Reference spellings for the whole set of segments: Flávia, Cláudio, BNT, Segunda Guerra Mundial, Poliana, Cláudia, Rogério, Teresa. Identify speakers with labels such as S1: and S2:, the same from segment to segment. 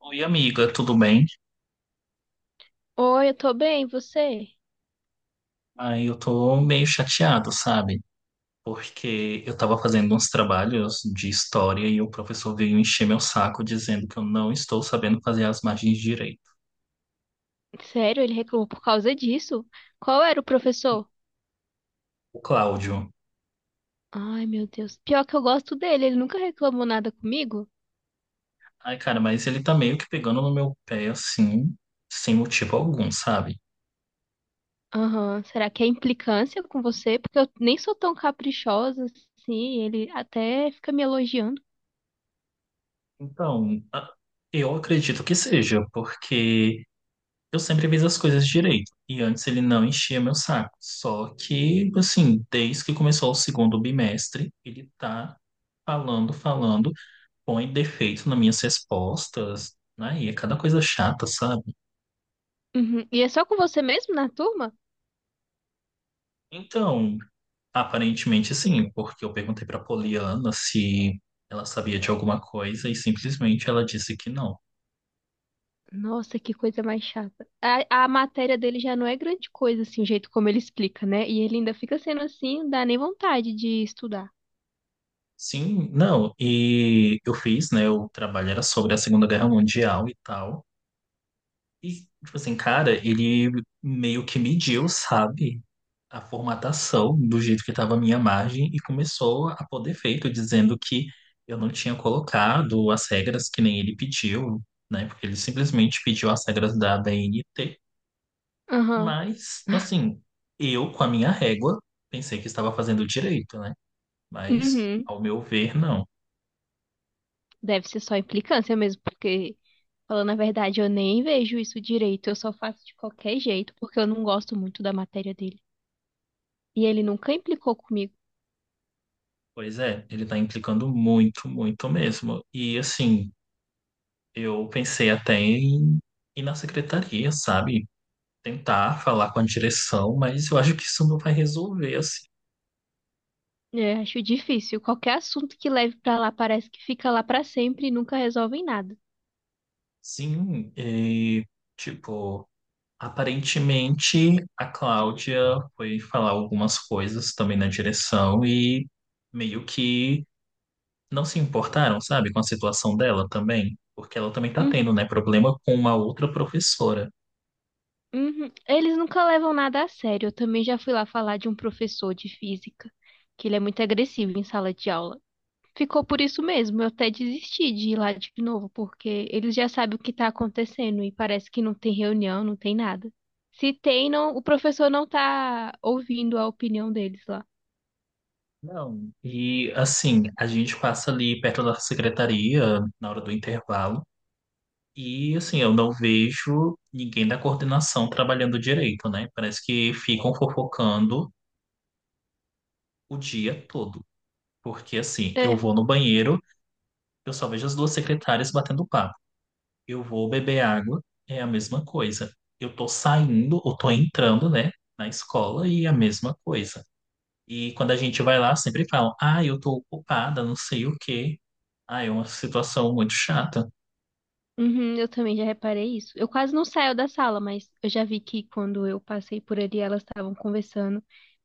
S1: Oi, amiga, tudo bem?
S2: Oi, eu tô bem, e você?
S1: Aí eu tô meio chateado, sabe? Porque eu tava fazendo uns trabalhos de história e o professor veio encher meu saco dizendo que eu não estou sabendo fazer as margens direito.
S2: Sério, ele reclamou por causa disso? Qual era o professor?
S1: O Cláudio.
S2: Ai, meu Deus. Pior que eu gosto dele, ele nunca reclamou nada comigo.
S1: Ai, cara, mas ele tá meio que pegando no meu pé, assim, sem motivo algum, sabe?
S2: Aham, será que é implicância com você? Porque eu nem sou tão caprichosa assim, ele até fica me elogiando.
S1: Então, eu acredito que seja, porque. Eu sempre fiz as coisas direito. E antes ele não enchia meu saco. Só que, assim, desde que começou o segundo bimestre, ele tá falando, falando, põe defeito nas minhas respostas, né? E é cada coisa chata, sabe?
S2: Uhum. E é só com você mesmo na turma?
S1: Então, aparentemente sim, porque eu perguntei pra Poliana se ela sabia de alguma coisa e simplesmente ela disse que não.
S2: Nossa, que coisa mais chata. A matéria dele já não é grande coisa, assim, o jeito como ele explica, né? E ele ainda fica sendo assim, não dá nem vontade de estudar.
S1: Sim, não, e eu fiz, né? O trabalho era sobre a Segunda Guerra Mundial e tal. E, tipo assim, cara, ele meio que mediu, sabe, a formatação do jeito que estava a minha margem e começou a pôr defeito, dizendo que eu não tinha colocado as regras que nem ele pediu, né? Porque ele simplesmente pediu as regras da BNT,
S2: Aham.
S1: mas, assim, eu, com a minha régua, pensei que estava fazendo direito, né? Mas,
S2: Uhum.
S1: ao meu ver, não.
S2: Deve ser só implicância mesmo, porque, falando a verdade, eu nem vejo isso direito. Eu só faço de qualquer jeito, porque eu não gosto muito da matéria dele. E ele nunca implicou comigo.
S1: Pois é, ele tá implicando muito, muito mesmo. E, assim. Eu pensei até em ir na secretaria, sabe? Tentar falar com a direção, mas eu acho que isso não vai resolver, assim.
S2: É, acho difícil. Qualquer assunto que leve pra lá parece que fica lá pra sempre e nunca resolvem nada.
S1: Sim, e, tipo, aparentemente a Cláudia foi falar algumas coisas também na direção e meio que não se importaram, sabe, com a situação dela também, porque ela também tá
S2: Uhum,
S1: tendo, né, problema com uma outra professora.
S2: uhum. Eles nunca levam nada a sério. Eu também já fui lá falar de um professor de física, que ele é muito agressivo em sala de aula. Ficou por isso mesmo. Eu até desisti de ir lá de novo, porque eles já sabem o que está acontecendo e parece que não tem reunião, não tem nada. Se tem, não, o professor não tá ouvindo a opinião deles lá.
S1: Não. E assim, a gente passa ali perto da secretaria na hora do intervalo. E assim, eu não vejo ninguém da coordenação trabalhando direito, né? Parece que ficam fofocando o dia todo. Porque assim, eu
S2: É,
S1: vou no banheiro, eu só vejo as duas secretárias batendo papo. Eu vou beber água, é a mesma coisa. Eu tô saindo ou tô entrando, né, na escola e é a mesma coisa. E quando a gente vai lá, sempre falam: "Ah, eu tô ocupada, não sei o quê". Ah, é uma situação muito chata.
S2: uhum, eu também já reparei isso. Eu quase não saio da sala, mas eu já vi que quando eu passei por ali, elas estavam conversando,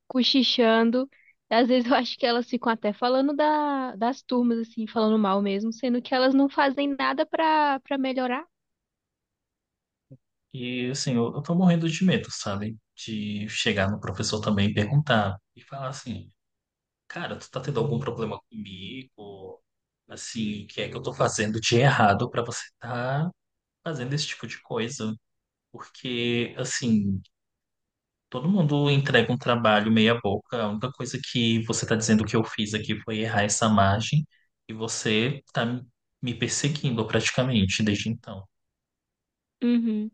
S2: cochichando. Às vezes eu acho que elas ficam até falando das turmas, assim, falando mal mesmo, sendo que elas não fazem nada pra melhorar.
S1: E assim, eu tô morrendo de medo, sabe? De chegar no professor também e perguntar e falar assim, cara, tu tá tendo algum problema comigo? Assim, o que é que eu tô fazendo de errado pra você tá fazendo esse tipo de coisa? Porque, assim, todo mundo entrega um trabalho meia boca, a única coisa que você tá dizendo que eu fiz aqui foi errar essa margem e você tá me perseguindo praticamente desde então.
S2: Uhum.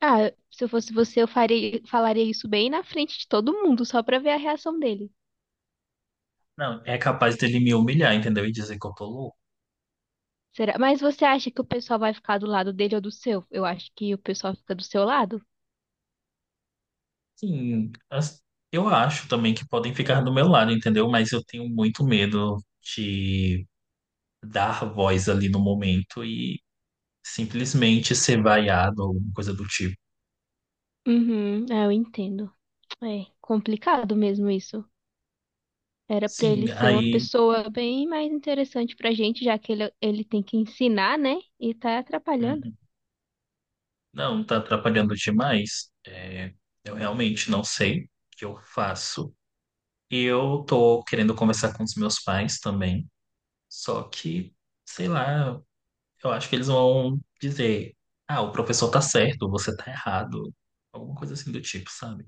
S2: Ah, se eu fosse você, eu faria, falaria isso bem na frente de todo mundo, só pra ver a reação dele.
S1: Não, é capaz dele me humilhar, entendeu? E dizer que eu tô louco.
S2: Será? Mas você acha que o pessoal vai ficar do lado dele ou do seu? Eu acho que o pessoal fica do seu lado.
S1: Sim, eu acho também que podem ficar do meu lado, entendeu? Mas eu tenho muito medo de dar voz ali no momento e simplesmente ser vaiado ou alguma coisa do tipo.
S2: Uhum, ah, eu entendo. É complicado mesmo isso. Era pra
S1: Sim,
S2: ele ser uma
S1: aí
S2: pessoa bem mais interessante pra gente, já que ele tem que ensinar, né? E tá atrapalhando.
S1: uhum, não, tá atrapalhando demais. É, eu realmente não sei o que eu faço. E eu tô querendo conversar com os meus pais também, só que, sei lá. Eu acho que eles vão dizer: ah, o professor tá certo, você tá errado. Alguma coisa assim do tipo, sabe?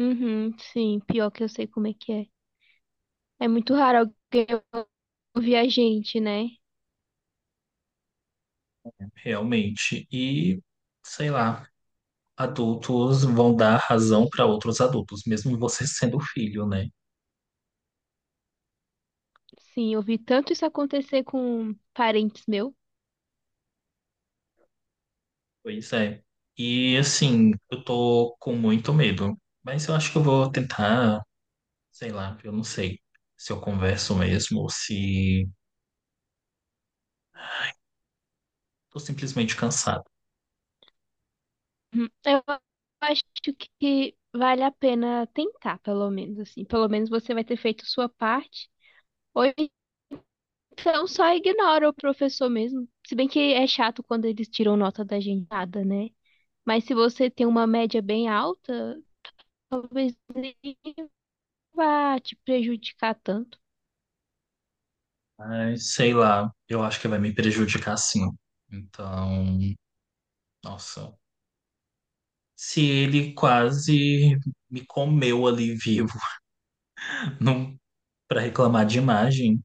S2: Uhum, sim, pior que eu sei como é que é. É muito raro alguém ouvir a gente, né?
S1: Realmente. E, sei lá, adultos vão dar razão para outros adultos, mesmo você sendo filho, né?
S2: Sim, eu vi tanto isso acontecer com parentes meu.
S1: Pois é. E, assim, eu tô com muito medo. Mas eu acho que eu vou tentar, sei lá, eu não sei se eu converso mesmo ou se tô simplesmente cansado.
S2: Uhum. Eu acho que vale a pena tentar, pelo menos, assim. Pelo menos você vai ter feito sua parte. Ou então só ignora o professor mesmo. Se bem que é chato quando eles tiram nota da gente, nada, né? Mas se você tem uma média bem alta, talvez nem vá te prejudicar tanto.
S1: Mas, sei lá, eu acho que vai me prejudicar sim. Então, nossa. Se ele quase me comeu ali vivo, não para reclamar de imagem,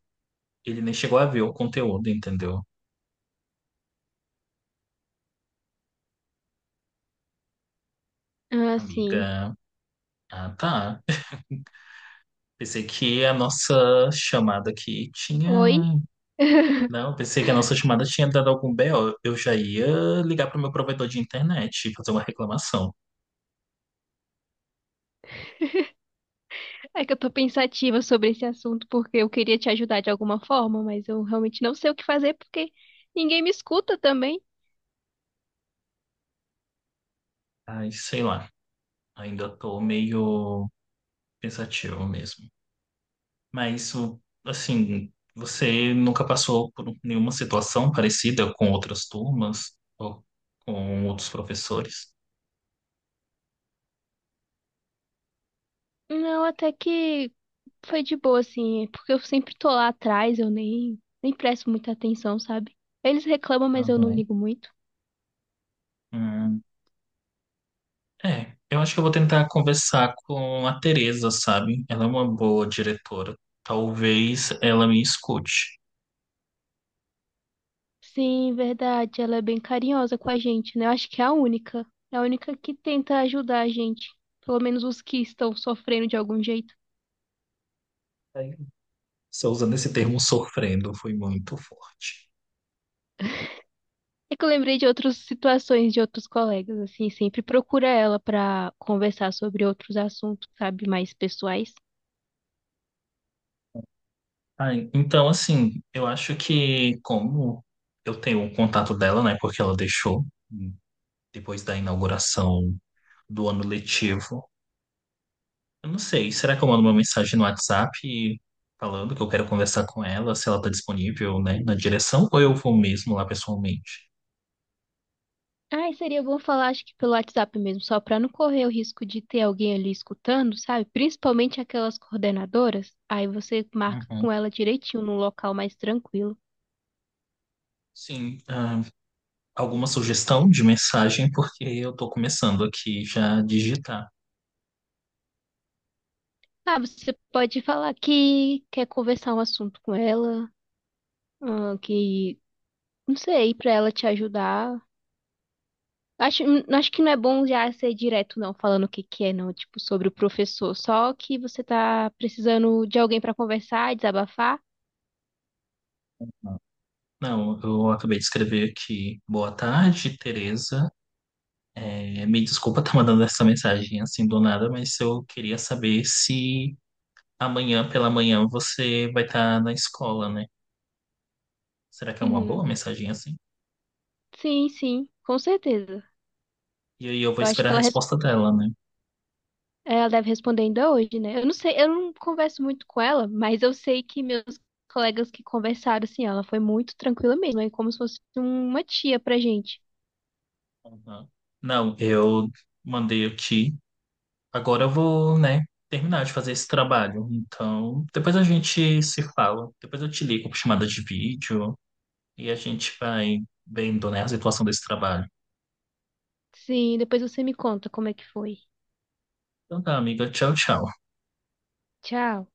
S1: ele nem chegou a ver o conteúdo, entendeu?
S2: Assim,
S1: Amiga, ah tá. Pensei que a nossa chamada aqui tinha.
S2: oi?
S1: Não, pensei que a nossa chamada tinha dado algum BO. Eu já ia ligar pro meu provedor de internet e fazer uma reclamação.
S2: É que eu tô pensativa sobre esse assunto porque eu queria te ajudar de alguma forma, mas eu realmente não sei o que fazer porque ninguém me escuta também.
S1: Ai, sei lá. Ainda tô meio pensativo mesmo. Mas isso, assim, você nunca passou por nenhuma situação parecida com outras turmas ou com outros professores?
S2: Não, até que foi de boa, assim, é porque eu sempre tô lá atrás, eu nem presto muita atenção, sabe? Eles reclamam, mas eu não
S1: Uhum.
S2: ligo muito.
S1: Hum, é, eu acho que eu vou tentar conversar com a Teresa, sabe? Ela é uma boa diretora. Talvez ela me escute.
S2: Sim, verdade, ela é bem carinhosa com a gente, né? Eu acho que é a única. É a única que tenta ajudar a gente. Pelo menos os que estão sofrendo de algum jeito.
S1: Aí, só usando esse termo sofrendo, foi muito forte.
S2: É que eu lembrei de outras situações de outros colegas, assim, sempre procura ela pra conversar sobre outros assuntos, sabe, mais pessoais.
S1: Ai, então, assim, eu acho que como eu tenho o contato dela, né? Porque ela deixou depois da inauguração do ano letivo. Eu não sei, será que eu mando uma mensagem no WhatsApp falando que eu quero conversar com ela, se ela está disponível, né, na direção, ou eu vou mesmo lá pessoalmente?
S2: Ai, seria bom falar, acho que pelo WhatsApp mesmo, só pra não correr o risco de ter alguém ali escutando, sabe? Principalmente aquelas coordenadoras. Aí você marca
S1: Uhum.
S2: com ela direitinho num local mais tranquilo.
S1: Sim, ah, alguma sugestão de mensagem, porque eu estou começando aqui já a digitar.
S2: Ah, você pode falar que quer conversar um assunto com ela, ah, que, não sei, pra ela te ajudar. Acho, acho que não é bom já ser direto, não, falando o que que é, não, tipo, sobre o professor. Só que você tá precisando de alguém pra conversar, desabafar.
S1: Não, eu acabei de escrever aqui. Boa tarde, Tereza. É, me desculpa estar mandando essa mensagem assim do nada, mas eu queria saber se amanhã pela manhã você vai estar na escola, né? Será que é uma boa
S2: Uhum.
S1: mensagem assim?
S2: Sim, sim, com certeza.
S1: E aí eu vou
S2: Eu acho
S1: esperar
S2: que
S1: a
S2: ela
S1: resposta dela, né?
S2: ela deve responder ainda hoje, né? Eu não sei, eu não converso muito com ela, mas eu sei que meus colegas que conversaram, assim, ela foi muito tranquila mesmo, é como se fosse uma tia pra gente.
S1: Uhum. Não, eu mandei aqui. Agora eu vou, né, terminar de fazer esse trabalho. Então, depois a gente se fala. Depois eu te ligo por chamada de vídeo e a gente vai vendo, né, a situação desse trabalho.
S2: Sim, depois você me conta como é que foi.
S1: Então tá, amiga. Tchau, tchau.
S2: Tchau.